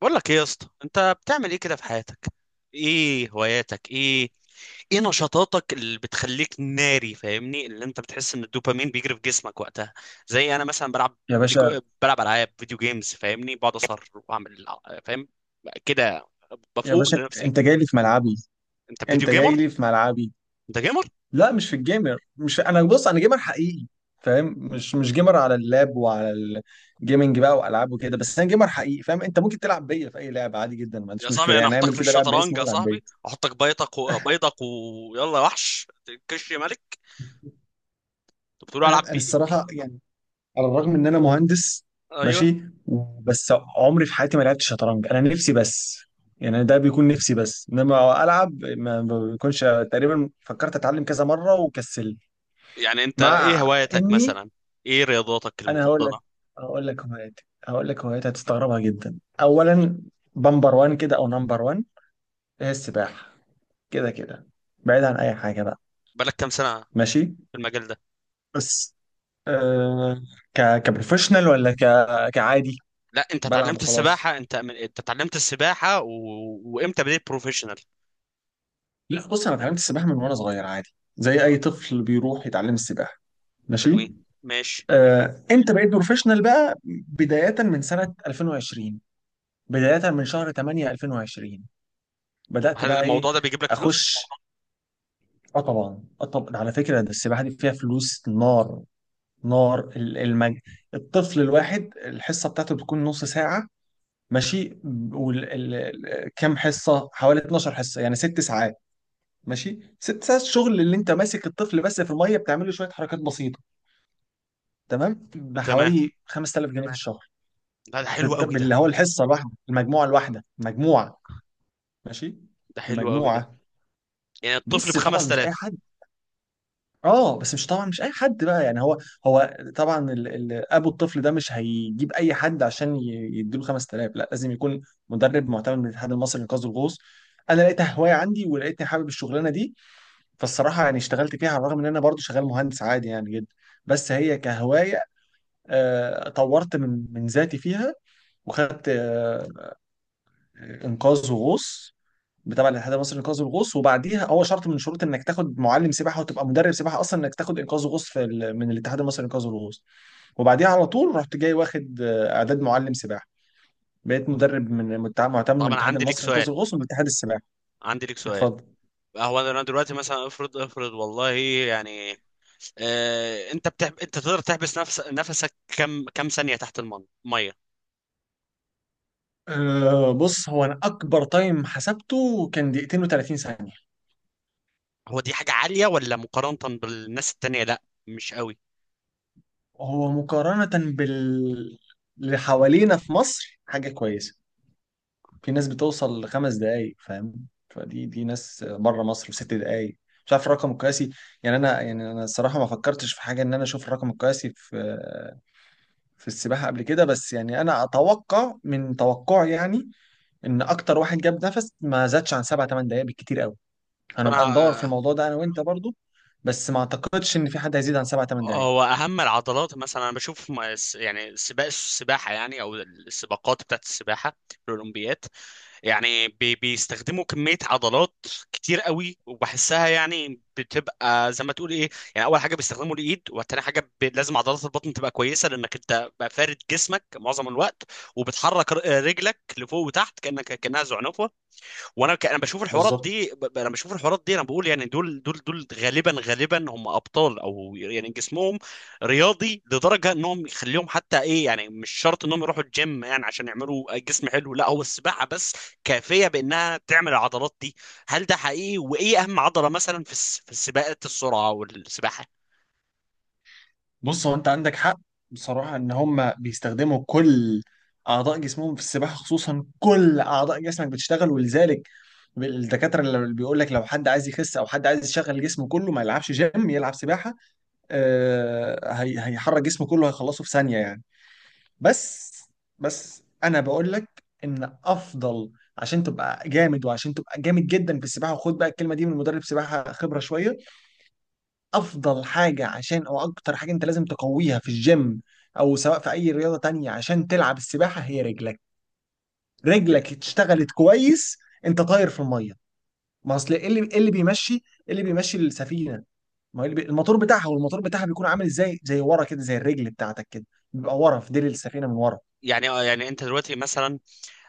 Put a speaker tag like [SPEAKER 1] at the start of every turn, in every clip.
[SPEAKER 1] بقول لك ايه يا اسطى؟ انت بتعمل ايه كده في حياتك؟ ايه هواياتك؟ ايه ايه نشاطاتك اللي بتخليك ناري؟ فاهمني اللي انت بتحس ان الدوبامين بيجري في جسمك وقتها. زي انا مثلا بلعب
[SPEAKER 2] يا باشا
[SPEAKER 1] بلعب العاب فيديو جيمز، فاهمني، بقعد اصر واعمل فاهم كده،
[SPEAKER 2] يا
[SPEAKER 1] بفوق
[SPEAKER 2] باشا
[SPEAKER 1] لنفسي.
[SPEAKER 2] انت جاي لي في ملعبي
[SPEAKER 1] انت فيديو
[SPEAKER 2] انت جاي
[SPEAKER 1] جيمر؟
[SPEAKER 2] لي في ملعبي
[SPEAKER 1] انت جيمر؟
[SPEAKER 2] لا، مش في الجيمر، مش في... انا بص، انا جيمر حقيقي. فاهم؟ مش جيمر على اللاب وعلى الجيمنج بقى والعاب وكده، بس انا جيمر حقيقي. فاهم؟ انت ممكن تلعب بيا في اي لعبه عادي جدا، ما
[SPEAKER 1] يا
[SPEAKER 2] عنديش
[SPEAKER 1] صاحبي
[SPEAKER 2] مشكله،
[SPEAKER 1] انا
[SPEAKER 2] يعني
[SPEAKER 1] احطك
[SPEAKER 2] اعمل
[SPEAKER 1] في
[SPEAKER 2] كده لعب
[SPEAKER 1] الشطرنج،
[SPEAKER 2] باسمي
[SPEAKER 1] يا
[SPEAKER 2] والعب بيا.
[SPEAKER 1] صاحبي احطك بيضك، ويلا يا وحش. كش ملك. انت بتقول
[SPEAKER 2] انا
[SPEAKER 1] العب
[SPEAKER 2] انا
[SPEAKER 1] بيه؟
[SPEAKER 2] الصراحه يعني، على الرغم ان انا مهندس،
[SPEAKER 1] ايوه.
[SPEAKER 2] ماشي، بس عمري في حياتي ما لعبت شطرنج. انا نفسي بس، يعني ده بيكون نفسي بس انما العب ما بيكونش تقريبا. فكرت اتعلم كذا مره وكسلت،
[SPEAKER 1] يعني انت ايه
[SPEAKER 2] مع
[SPEAKER 1] هوايتك
[SPEAKER 2] اني
[SPEAKER 1] مثلا؟ ايه رياضاتك
[SPEAKER 2] انا هقول لك
[SPEAKER 1] المفضله؟
[SPEAKER 2] هقول لك هواياتي هتستغربها جدا. اولا، بمبر وان كده او نمبر وان، هي السباحه. كده كده، بعيد عن اي حاجه بقى.
[SPEAKER 1] بقالك كام سنه
[SPEAKER 2] ماشي،
[SPEAKER 1] في المجال ده؟
[SPEAKER 2] بس آه، كبروفيشنال ولا كعادي؟
[SPEAKER 1] لا انت
[SPEAKER 2] بلعب
[SPEAKER 1] اتعلمت
[SPEAKER 2] وخلاص.
[SPEAKER 1] السباحه، انت اتعلمت السباحه وامتى بديت بروفيشنال؟
[SPEAKER 2] لا بص، انا اتعلمت السباحه من وانا صغير عادي، زي
[SPEAKER 1] اه،
[SPEAKER 2] اي طفل بيروح يتعلم السباحه. ماشي.
[SPEAKER 1] حلوين ماشي.
[SPEAKER 2] انت بقيت بروفيشنال بقى بداية من سنة 2020، بداية من شهر 8 2020.
[SPEAKER 1] طب
[SPEAKER 2] بدأت
[SPEAKER 1] هل
[SPEAKER 2] بقى ايه؟
[SPEAKER 1] الموضوع ده بيجيب لك فلوس؟
[SPEAKER 2] اخش. اه طبعا، اه طبعا. على فكرة، ده السباحة دي فيها فلوس نار. نار. الطفل الواحد، الحصة بتاعته بتكون نص ساعة. ماشي. وال... ال... كام حصة؟ حوالي 12 حصة، يعني ست ساعات. ماشي، ست ساعات شغل اللي انت ماسك الطفل بس في المية، بتعمله شوية حركات بسيطة، تمام،
[SPEAKER 1] تمام.
[SPEAKER 2] بحوالي 5000 جنيه في الشهر.
[SPEAKER 1] لا ده حلو قوي
[SPEAKER 2] باللي
[SPEAKER 1] ده،
[SPEAKER 2] هو الحصة الواحدة، المجموعة الواحدة، مجموعة. ماشي،
[SPEAKER 1] ده حلو قوي ده.
[SPEAKER 2] المجموعة.
[SPEAKER 1] يعني الطفل ب
[SPEAKER 2] بس طبعا مش اي
[SPEAKER 1] 5000؟
[SPEAKER 2] حد. اه، بس مش طبعا مش اي حد بقى. يعني هو، هو طبعا ال ابو الطفل ده مش هيجيب اي حد عشان يديله 5000. لا، لازم يكون مدرب معتمد من الاتحاد المصري لانقاذ الغوص. انا لقيتها هوايه عندي، ولقيتني حابب الشغلانه دي، فالصراحه يعني اشتغلت فيها، على الرغم ان انا برضو شغال مهندس عادي يعني جدا، بس هي كهوايه. طورت من ذاتي فيها، وخدت انقاذ وغوص تبع الاتحاد المصري لانقاذ الغوص. وبعديها، هو شرط من شروط انك تاخد معلم سباحه، وتبقى مدرب سباحه اصلا انك تاخد انقاذ غوص من الاتحاد المصري لانقاذ الغوص. وبعديها على طول، رحت جاي واخد اعداد معلم سباحه، بقيت مدرب معتمد من
[SPEAKER 1] طب انا
[SPEAKER 2] الاتحاد
[SPEAKER 1] عندي لك
[SPEAKER 2] المصري لانقاذ
[SPEAKER 1] سؤال،
[SPEAKER 2] الغوص ومن اتحاد السباحه.
[SPEAKER 1] عندي لك سؤال.
[SPEAKER 2] اتفضل.
[SPEAKER 1] هو انا دلوقتي مثلا افرض افرض والله، يعني، انت تقدر تحبس نفسك كم ثانيه تحت الميه؟
[SPEAKER 2] أه، بص، هو انا اكبر تايم حسبته كان دقيقتين و30 ثانيه.
[SPEAKER 1] هو دي حاجة عالية ولا مقارنة بالناس التانية؟ لا مش قوي.
[SPEAKER 2] هو مقارنه اللي حوالينا في مصر، حاجه كويسه. في ناس بتوصل لخمس دقايق. فاهم؟ فدي ناس بره مصر، وست دقايق. مش عارف الرقم القياسي. يعني انا الصراحه ما فكرتش في حاجه ان انا اشوف الرقم القياسي في السباحه قبل كده. بس يعني انا اتوقع من توقعي يعني، ان اكتر واحد جاب نفس ما زادش عن سبع ثمان دقائق بالكتير قوي.
[SPEAKER 1] طب
[SPEAKER 2] هنبقى ندور في
[SPEAKER 1] انا،
[SPEAKER 2] الموضوع ده انا وانت برضو، بس ما اعتقدش ان في حد هيزيد عن سبع ثمان دقائق.
[SPEAKER 1] هو اهم العضلات مثلا، انا بشوف يعني سباق السباحة، يعني او السباقات بتاعت السباحة في الاولمبياد، يعني بيستخدموا كمية عضلات كتير قوي، وبحسها يعني بتبقى زي ما تقول ايه. يعني اول حاجة بيستخدموا الايد، وتاني حاجة لازم عضلات البطن تبقى كويسة، لانك انت بقى فارد جسمك معظم الوقت، وبتحرك رجلك لفوق وتحت، كأنها زعنفة. انا بشوف الحوارات
[SPEAKER 2] بالظبط.
[SPEAKER 1] دي، انا بقول يعني دول غالبا غالبا هم ابطال، او يعني جسمهم رياضي لدرجه انهم يخليهم حتى ايه، يعني مش شرط انهم يروحوا الجيم يعني عشان يعملوا جسم حلو، لا هو السباحه بس كافيه بانها تعمل العضلات دي. هل ده حقيقي؟ وايه اهم عضله مثلا في السباقات السرعه والسباحه؟
[SPEAKER 2] بص، هو انت عندك حق. بصراحة، ان هم بيستخدموا كل اعضاء جسمهم في السباحة. خصوصا كل اعضاء جسمك بتشتغل، ولذلك الدكاترة اللي بيقول لك لو حد عايز يخس او حد عايز يشغل جسمه كله، ما يلعبش جيم يلعب سباحة. آه، هي هيحرك جسمه كله، هيخلصه في ثانية يعني. بس بس انا بقول لك ان افضل، عشان تبقى جامد وعشان تبقى جامد جدا في السباحة، وخد بقى الكلمة دي من مدرب سباحة خبرة شوية، افضل حاجه عشان، او اكتر حاجه انت لازم تقويها في الجيم او سواء في اي رياضه تانية عشان تلعب السباحه، هي رجلك. رجلك اشتغلت كويس، انت طاير في الميه. ما اصل ايه اللي، إيه اللي بيمشي السفينه؟ ما هو اللي الموتور بتاعها. والموتور بتاعها بيكون عامل ازاي؟ زي ورا كده، زي الرجل بتاعتك كده، بيبقى ورا في ديل السفينه من ورا.
[SPEAKER 1] يعني، يعني انت دلوقتي مثلا،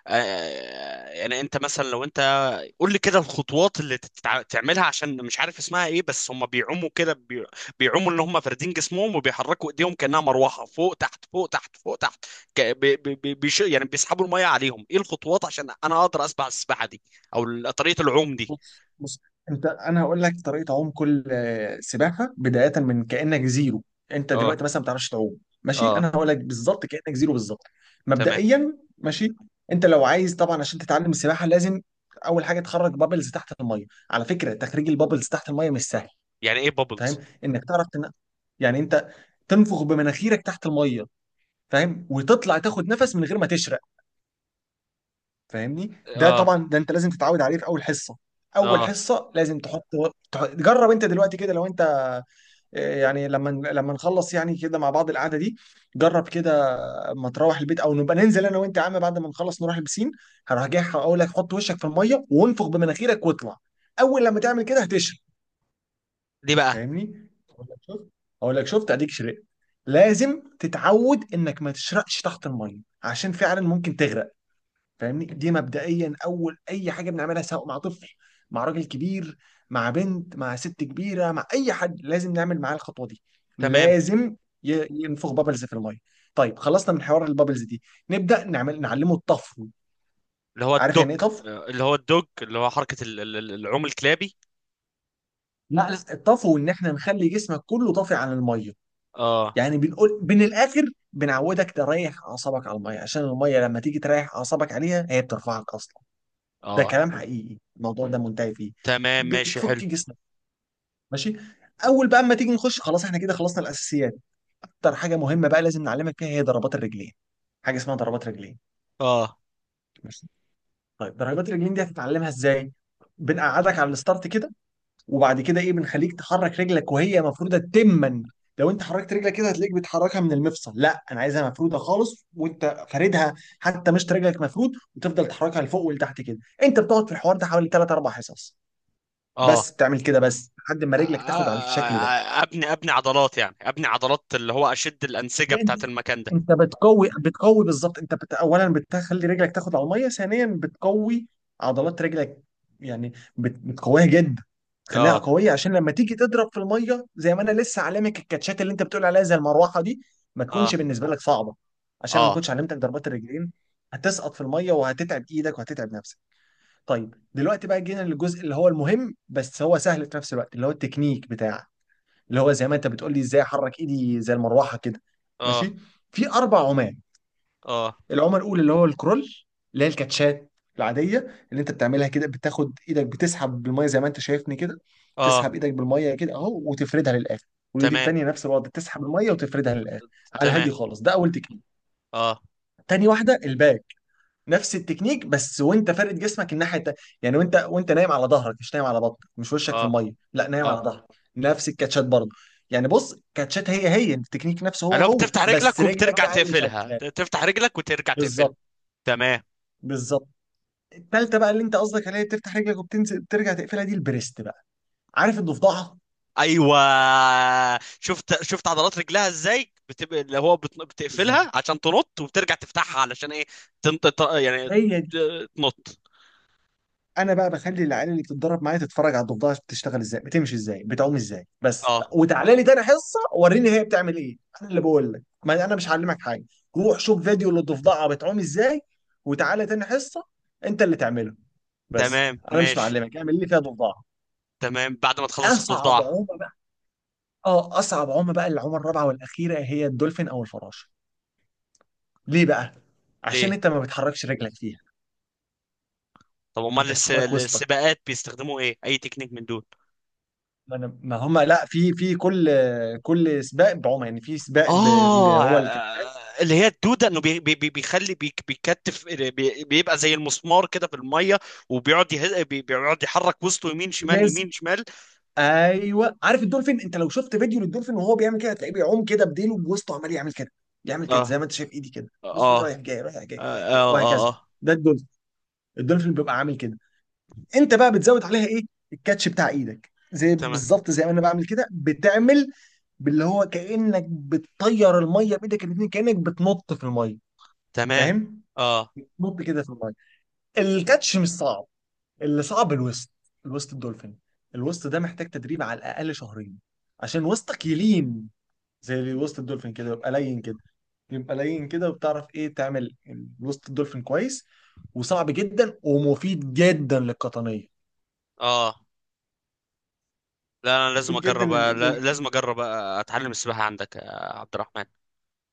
[SPEAKER 1] يعني انت مثلا لو انت قول لي كده الخطوات اللي تعملها، عشان مش عارف اسمها ايه، بس هم بيعوموا كده. بيعوموا ان هم فاردين جسمهم، وبيحركوا ايديهم كأنها مروحة، فوق تحت فوق تحت فوق تحت، ك... بي... بي... بي... بيش... يعني بيسحبوا المية عليهم. ايه الخطوات عشان انا اقدر اسبح السباحة دي، او طريقة العوم دي؟
[SPEAKER 2] بص، انت انا هقول لك طريقه عوم كل سباحه بدايه من كانك زيرو. انت
[SPEAKER 1] اه،
[SPEAKER 2] دلوقتي مثلا ما بتعرفش تعوم. ماشي،
[SPEAKER 1] اه،
[SPEAKER 2] انا هقول لك بالظبط كانك زيرو بالظبط.
[SPEAKER 1] تمام.
[SPEAKER 2] مبدئيا، ماشي. انت لو عايز طبعا عشان تتعلم السباحه، لازم اول حاجه تخرج بابلز تحت الميه. على فكره، تخريج البابلز تحت الميه مش سهل.
[SPEAKER 1] يعني ايه
[SPEAKER 2] فاهم؟
[SPEAKER 1] بابلز؟
[SPEAKER 2] انك تعرف يعني انت تنفخ بمناخيرك تحت الميه، فاهم؟ وتطلع تاخد نفس من غير ما تشرق. فاهمني؟ ده
[SPEAKER 1] اه،
[SPEAKER 2] طبعا ده انت لازم تتعود عليه في اول حصه. اول
[SPEAKER 1] اه.
[SPEAKER 2] حصه لازم تحط، جرب انت دلوقتي كده. لو انت يعني لما نخلص يعني كده مع بعض القعده دي، جرب كده. ما تروح البيت، او نبقى ننزل انا وانت يا عم بعد ما نخلص نروح البسين، هروح جاي اقول لك حط وشك في الميه وانفخ بمناخيرك واطلع. اول لما تعمل كده هتشرب.
[SPEAKER 1] دي بقى.
[SPEAKER 2] فاهمني؟ اقول لك شفت؟ اقول لك شفت اديك شربت. لازم تتعود انك ما تشرقش تحت الميه، عشان فعلا ممكن تغرق. فاهمني؟ دي مبدئيا اول اي حاجه بنعملها، سواء مع طفل، مع راجل كبير، مع بنت، مع ست كبيره، مع اي حد، لازم نعمل معاه الخطوه دي.
[SPEAKER 1] تمام.
[SPEAKER 2] لازم ينفخ بابلز في الميه. طيب، خلصنا من حوار البابلز دي، نبدا نعمل، نعلمه الطفو.
[SPEAKER 1] اللي هو
[SPEAKER 2] عارف
[SPEAKER 1] الدوج.
[SPEAKER 2] يعني ايه طفو؟
[SPEAKER 1] اللي هو حركة العوم الكلابي.
[SPEAKER 2] لا لا، الطفو ان احنا نخلي جسمك كله طافي عن الميه.
[SPEAKER 1] اه،
[SPEAKER 2] يعني بنقول من الاخر، بنعودك تريح اعصابك على الميه، عشان الميه لما تيجي تريح اعصابك عليها هي بترفعك اصلا. ده
[SPEAKER 1] اه،
[SPEAKER 2] كلام حقيقي، الموضوع ده منتهي فيه.
[SPEAKER 1] تمام ماشي حلو.
[SPEAKER 2] بتفك جسمك. ماشي، اول بقى اما تيجي نخش، خلاص احنا كده خلصنا الاساسيات. اكتر حاجه مهمه بقى لازم نعلمك فيها هي ضربات الرجلين. حاجه اسمها ضربات رجلين.
[SPEAKER 1] اه،
[SPEAKER 2] ماشي. طيب، ضربات الرجلين دي هتتعلمها ازاي؟ بنقعدك على الستارت كده، وبعد كده ايه؟ بنخليك تحرك رجلك وهي مفروده تما. لو انت حركت رجلك كده هتلاقيك بتحركها من المفصل، لا انا عايزها مفروده خالص، وانت فاردها حتى، مش رجلك مفرود، وتفضل تحركها لفوق ولتحت كده. انت بتقعد في الحوار ده حوالي 3 4 حصص.
[SPEAKER 1] اه.
[SPEAKER 2] بس بتعمل كده بس لحد ما رجلك تاخد على الشكل ده.
[SPEAKER 1] ابني ابني عضلات، يعني ابني عضلات اللي هو اشد الانسجه
[SPEAKER 2] لا، انت
[SPEAKER 1] بتاعت المكان ده.
[SPEAKER 2] انت بتقوي بالظبط. اولا بتخلي رجلك تاخد على الميه، ثانيا بتقوي عضلات رجلك. يعني بتقويها جدا. خليها
[SPEAKER 1] اه،
[SPEAKER 2] قويه عشان لما تيجي تضرب في الميه، زي ما انا لسه علمك الكاتشات، اللي انت بتقول عليها زي المروحه دي، ما
[SPEAKER 1] اه،
[SPEAKER 2] تكونش بالنسبه لك صعبه، عشان لما
[SPEAKER 1] اه،
[SPEAKER 2] كنتش علمتك ضربات الرجلين هتسقط في الميه، وهتتعب ايدك وهتتعب نفسك. طيب، دلوقتي بقى جينا للجزء اللي هو المهم بس هو سهل في نفس الوقت، اللي هو التكنيك بتاعك، اللي هو زي ما انت بتقول لي ازاي احرك ايدي زي المروحه كده.
[SPEAKER 1] اه،
[SPEAKER 2] ماشي. في اربع عمال.
[SPEAKER 1] اه،
[SPEAKER 2] العمى الاولى اللي هو الكرول، اللي هي الكاتشات العاديه، اللي انت بتعملها كده، بتاخد ايدك بتسحب بالميه زي ما انت شايفني كده، تسحب
[SPEAKER 1] اه،
[SPEAKER 2] ايدك بالميه كده اهو وتفردها للاخر، والايد
[SPEAKER 1] تمام،
[SPEAKER 2] التانيه نفس الوضع، تسحب الميه وتفردها للاخر. على
[SPEAKER 1] تمام،
[SPEAKER 2] الهادي خالص، ده اول تكنيك.
[SPEAKER 1] اه،
[SPEAKER 2] تاني واحده، الباك، نفس التكنيك بس وانت فارد جسمك الناحيه التانيه، يعني وانت نايم على ظهرك، مش نايم على بطنك، مش وشك في
[SPEAKER 1] اه،
[SPEAKER 2] الميه، لا نايم على
[SPEAKER 1] اه.
[SPEAKER 2] ظهرك. نفس الكاتشات برضه. يعني بص، كاتشات هي هي، التكنيك نفسه هو
[SPEAKER 1] اللي هو
[SPEAKER 2] هو،
[SPEAKER 1] بتفتح
[SPEAKER 2] بس
[SPEAKER 1] رجلك
[SPEAKER 2] رجلك
[SPEAKER 1] وبترجع
[SPEAKER 2] بقى اللي
[SPEAKER 1] تقفلها،
[SPEAKER 2] شغاله.
[SPEAKER 1] تفتح رجلك وترجع تقفلها.
[SPEAKER 2] بالظبط.
[SPEAKER 1] تمام.
[SPEAKER 2] بالظبط. التالتة بقى اللي انت قصدك عليها بتفتح رجلك وبتنزل بترجع تقفلها، دي البريست بقى. عارف الضفدعه؟
[SPEAKER 1] ايوه. شفت شفت عضلات رجلها ازاي بتبقى؟ اللي هو
[SPEAKER 2] بالظبط.
[SPEAKER 1] بتقفلها عشان تنط، وبترجع تفتحها علشان ايه؟ تنط، يعني
[SPEAKER 2] هي،
[SPEAKER 1] تنط.
[SPEAKER 2] انا بقى بخلي العيال اللي بتتدرب معايا تتفرج على الضفدعه بتشتغل ازاي، بتمشي ازاي، بتعوم ازاي بس،
[SPEAKER 1] اه.
[SPEAKER 2] وتعالى لي تاني حصه وريني هي بتعمل ايه. انا اللي بقول لك، ما انا مش هعلمك حاجه. روح شوف فيديو للضفدعه بتعوم ازاي، وتعالى تاني حصه انت اللي تعمله بس.
[SPEAKER 1] تمام
[SPEAKER 2] انا مش
[SPEAKER 1] ماشي.
[SPEAKER 2] معلمك اعمل لي فيها ضفدعه.
[SPEAKER 1] تمام بعد ما تخلص
[SPEAKER 2] اصعب
[SPEAKER 1] الضفدعه.
[SPEAKER 2] عومه بقى، اه اصعب عومه بقى العومه الرابعه والاخيره هي الدولفين او الفراشه. ليه بقى؟ عشان
[SPEAKER 1] ليه؟
[SPEAKER 2] انت ما بتحركش رجلك فيها،
[SPEAKER 1] طب امال
[SPEAKER 2] انت بتحرك وسطك.
[SPEAKER 1] السباقات بيستخدموا ايه؟ اي تكنيك من دول؟
[SPEAKER 2] ما انا ما هم، لا، في كل سباق بعمى، يعني في سباق اللي
[SPEAKER 1] اه.
[SPEAKER 2] هو الكابتن.
[SPEAKER 1] اللي هي الدوده، انه بيخلي بيكتف بيبقى زي المسمار كده في الميه، وبيقعد يه... بي بيقعد يحرك وسطه يمين شمال
[SPEAKER 2] لازم.
[SPEAKER 1] يمين شمال.
[SPEAKER 2] ايوه، عارف الدولفين؟ انت لو شفت فيديو للدولفين وهو بيعمل كده، هتلاقيه بيعوم كده بديله بوسطه عمال يعمل كده، يعمل كده،
[SPEAKER 1] اه،
[SPEAKER 2] زي ما انت شايف ايدي كده،
[SPEAKER 1] اه،
[SPEAKER 2] بص
[SPEAKER 1] اه،
[SPEAKER 2] رايح جاي رايح جاي رايح
[SPEAKER 1] اه،
[SPEAKER 2] جاي
[SPEAKER 1] اه،
[SPEAKER 2] وهكذا.
[SPEAKER 1] آه.
[SPEAKER 2] ده الدولفين. الدولفين بيبقى عامل كده، انت بقى بتزود عليها ايه؟ الكاتش بتاع ايدك، زي
[SPEAKER 1] تمام،
[SPEAKER 2] بالظبط زي ما انا بعمل كده بتعمل، باللي هو كانك بتطير الميه بايدك الاثنين، كانك بتنط في الميه.
[SPEAKER 1] تمام،
[SPEAKER 2] فاهم؟
[SPEAKER 1] اه،
[SPEAKER 2] بتنط كده في الميه. الكاتش مش صعب، اللي صعب الوسط. الوسط الدولفين، الوسط ده محتاج تدريب على الاقل شهرين عشان وسطك يلين زي وسط الدولفين كده، يبقى لين كده، يبقى لين كده وبتعرف ايه تعمل. الوسط الدولفين كويس، وصعب جدا ومفيد جدا للقطنيه.
[SPEAKER 1] اه. لا انا لازم
[SPEAKER 2] مفيد جدا
[SPEAKER 1] اجرب، لازم اجرب، اتعلم السباحه عندك يا عبد الرحمن.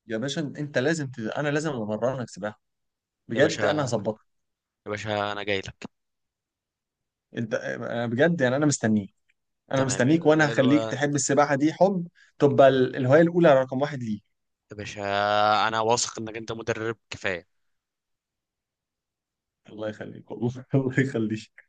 [SPEAKER 2] يا باشا، انا لازم امرنك سباحه،
[SPEAKER 1] يا
[SPEAKER 2] بجد، انا
[SPEAKER 1] باشا،
[SPEAKER 2] هظبطك.
[SPEAKER 1] يا باشا، انا جاي لك.
[SPEAKER 2] أنا بجد يعني، انا مستنيك. انا
[SPEAKER 1] تمام.
[SPEAKER 2] مستنيك، وانا هخليك تحب السباحه دي حب، تبقى الهوايه الاولى رقم واحد ليك.
[SPEAKER 1] يا باشا انا واثق انك انت مدرب كفايه.
[SPEAKER 2] الله يخليك والله الله يخليك.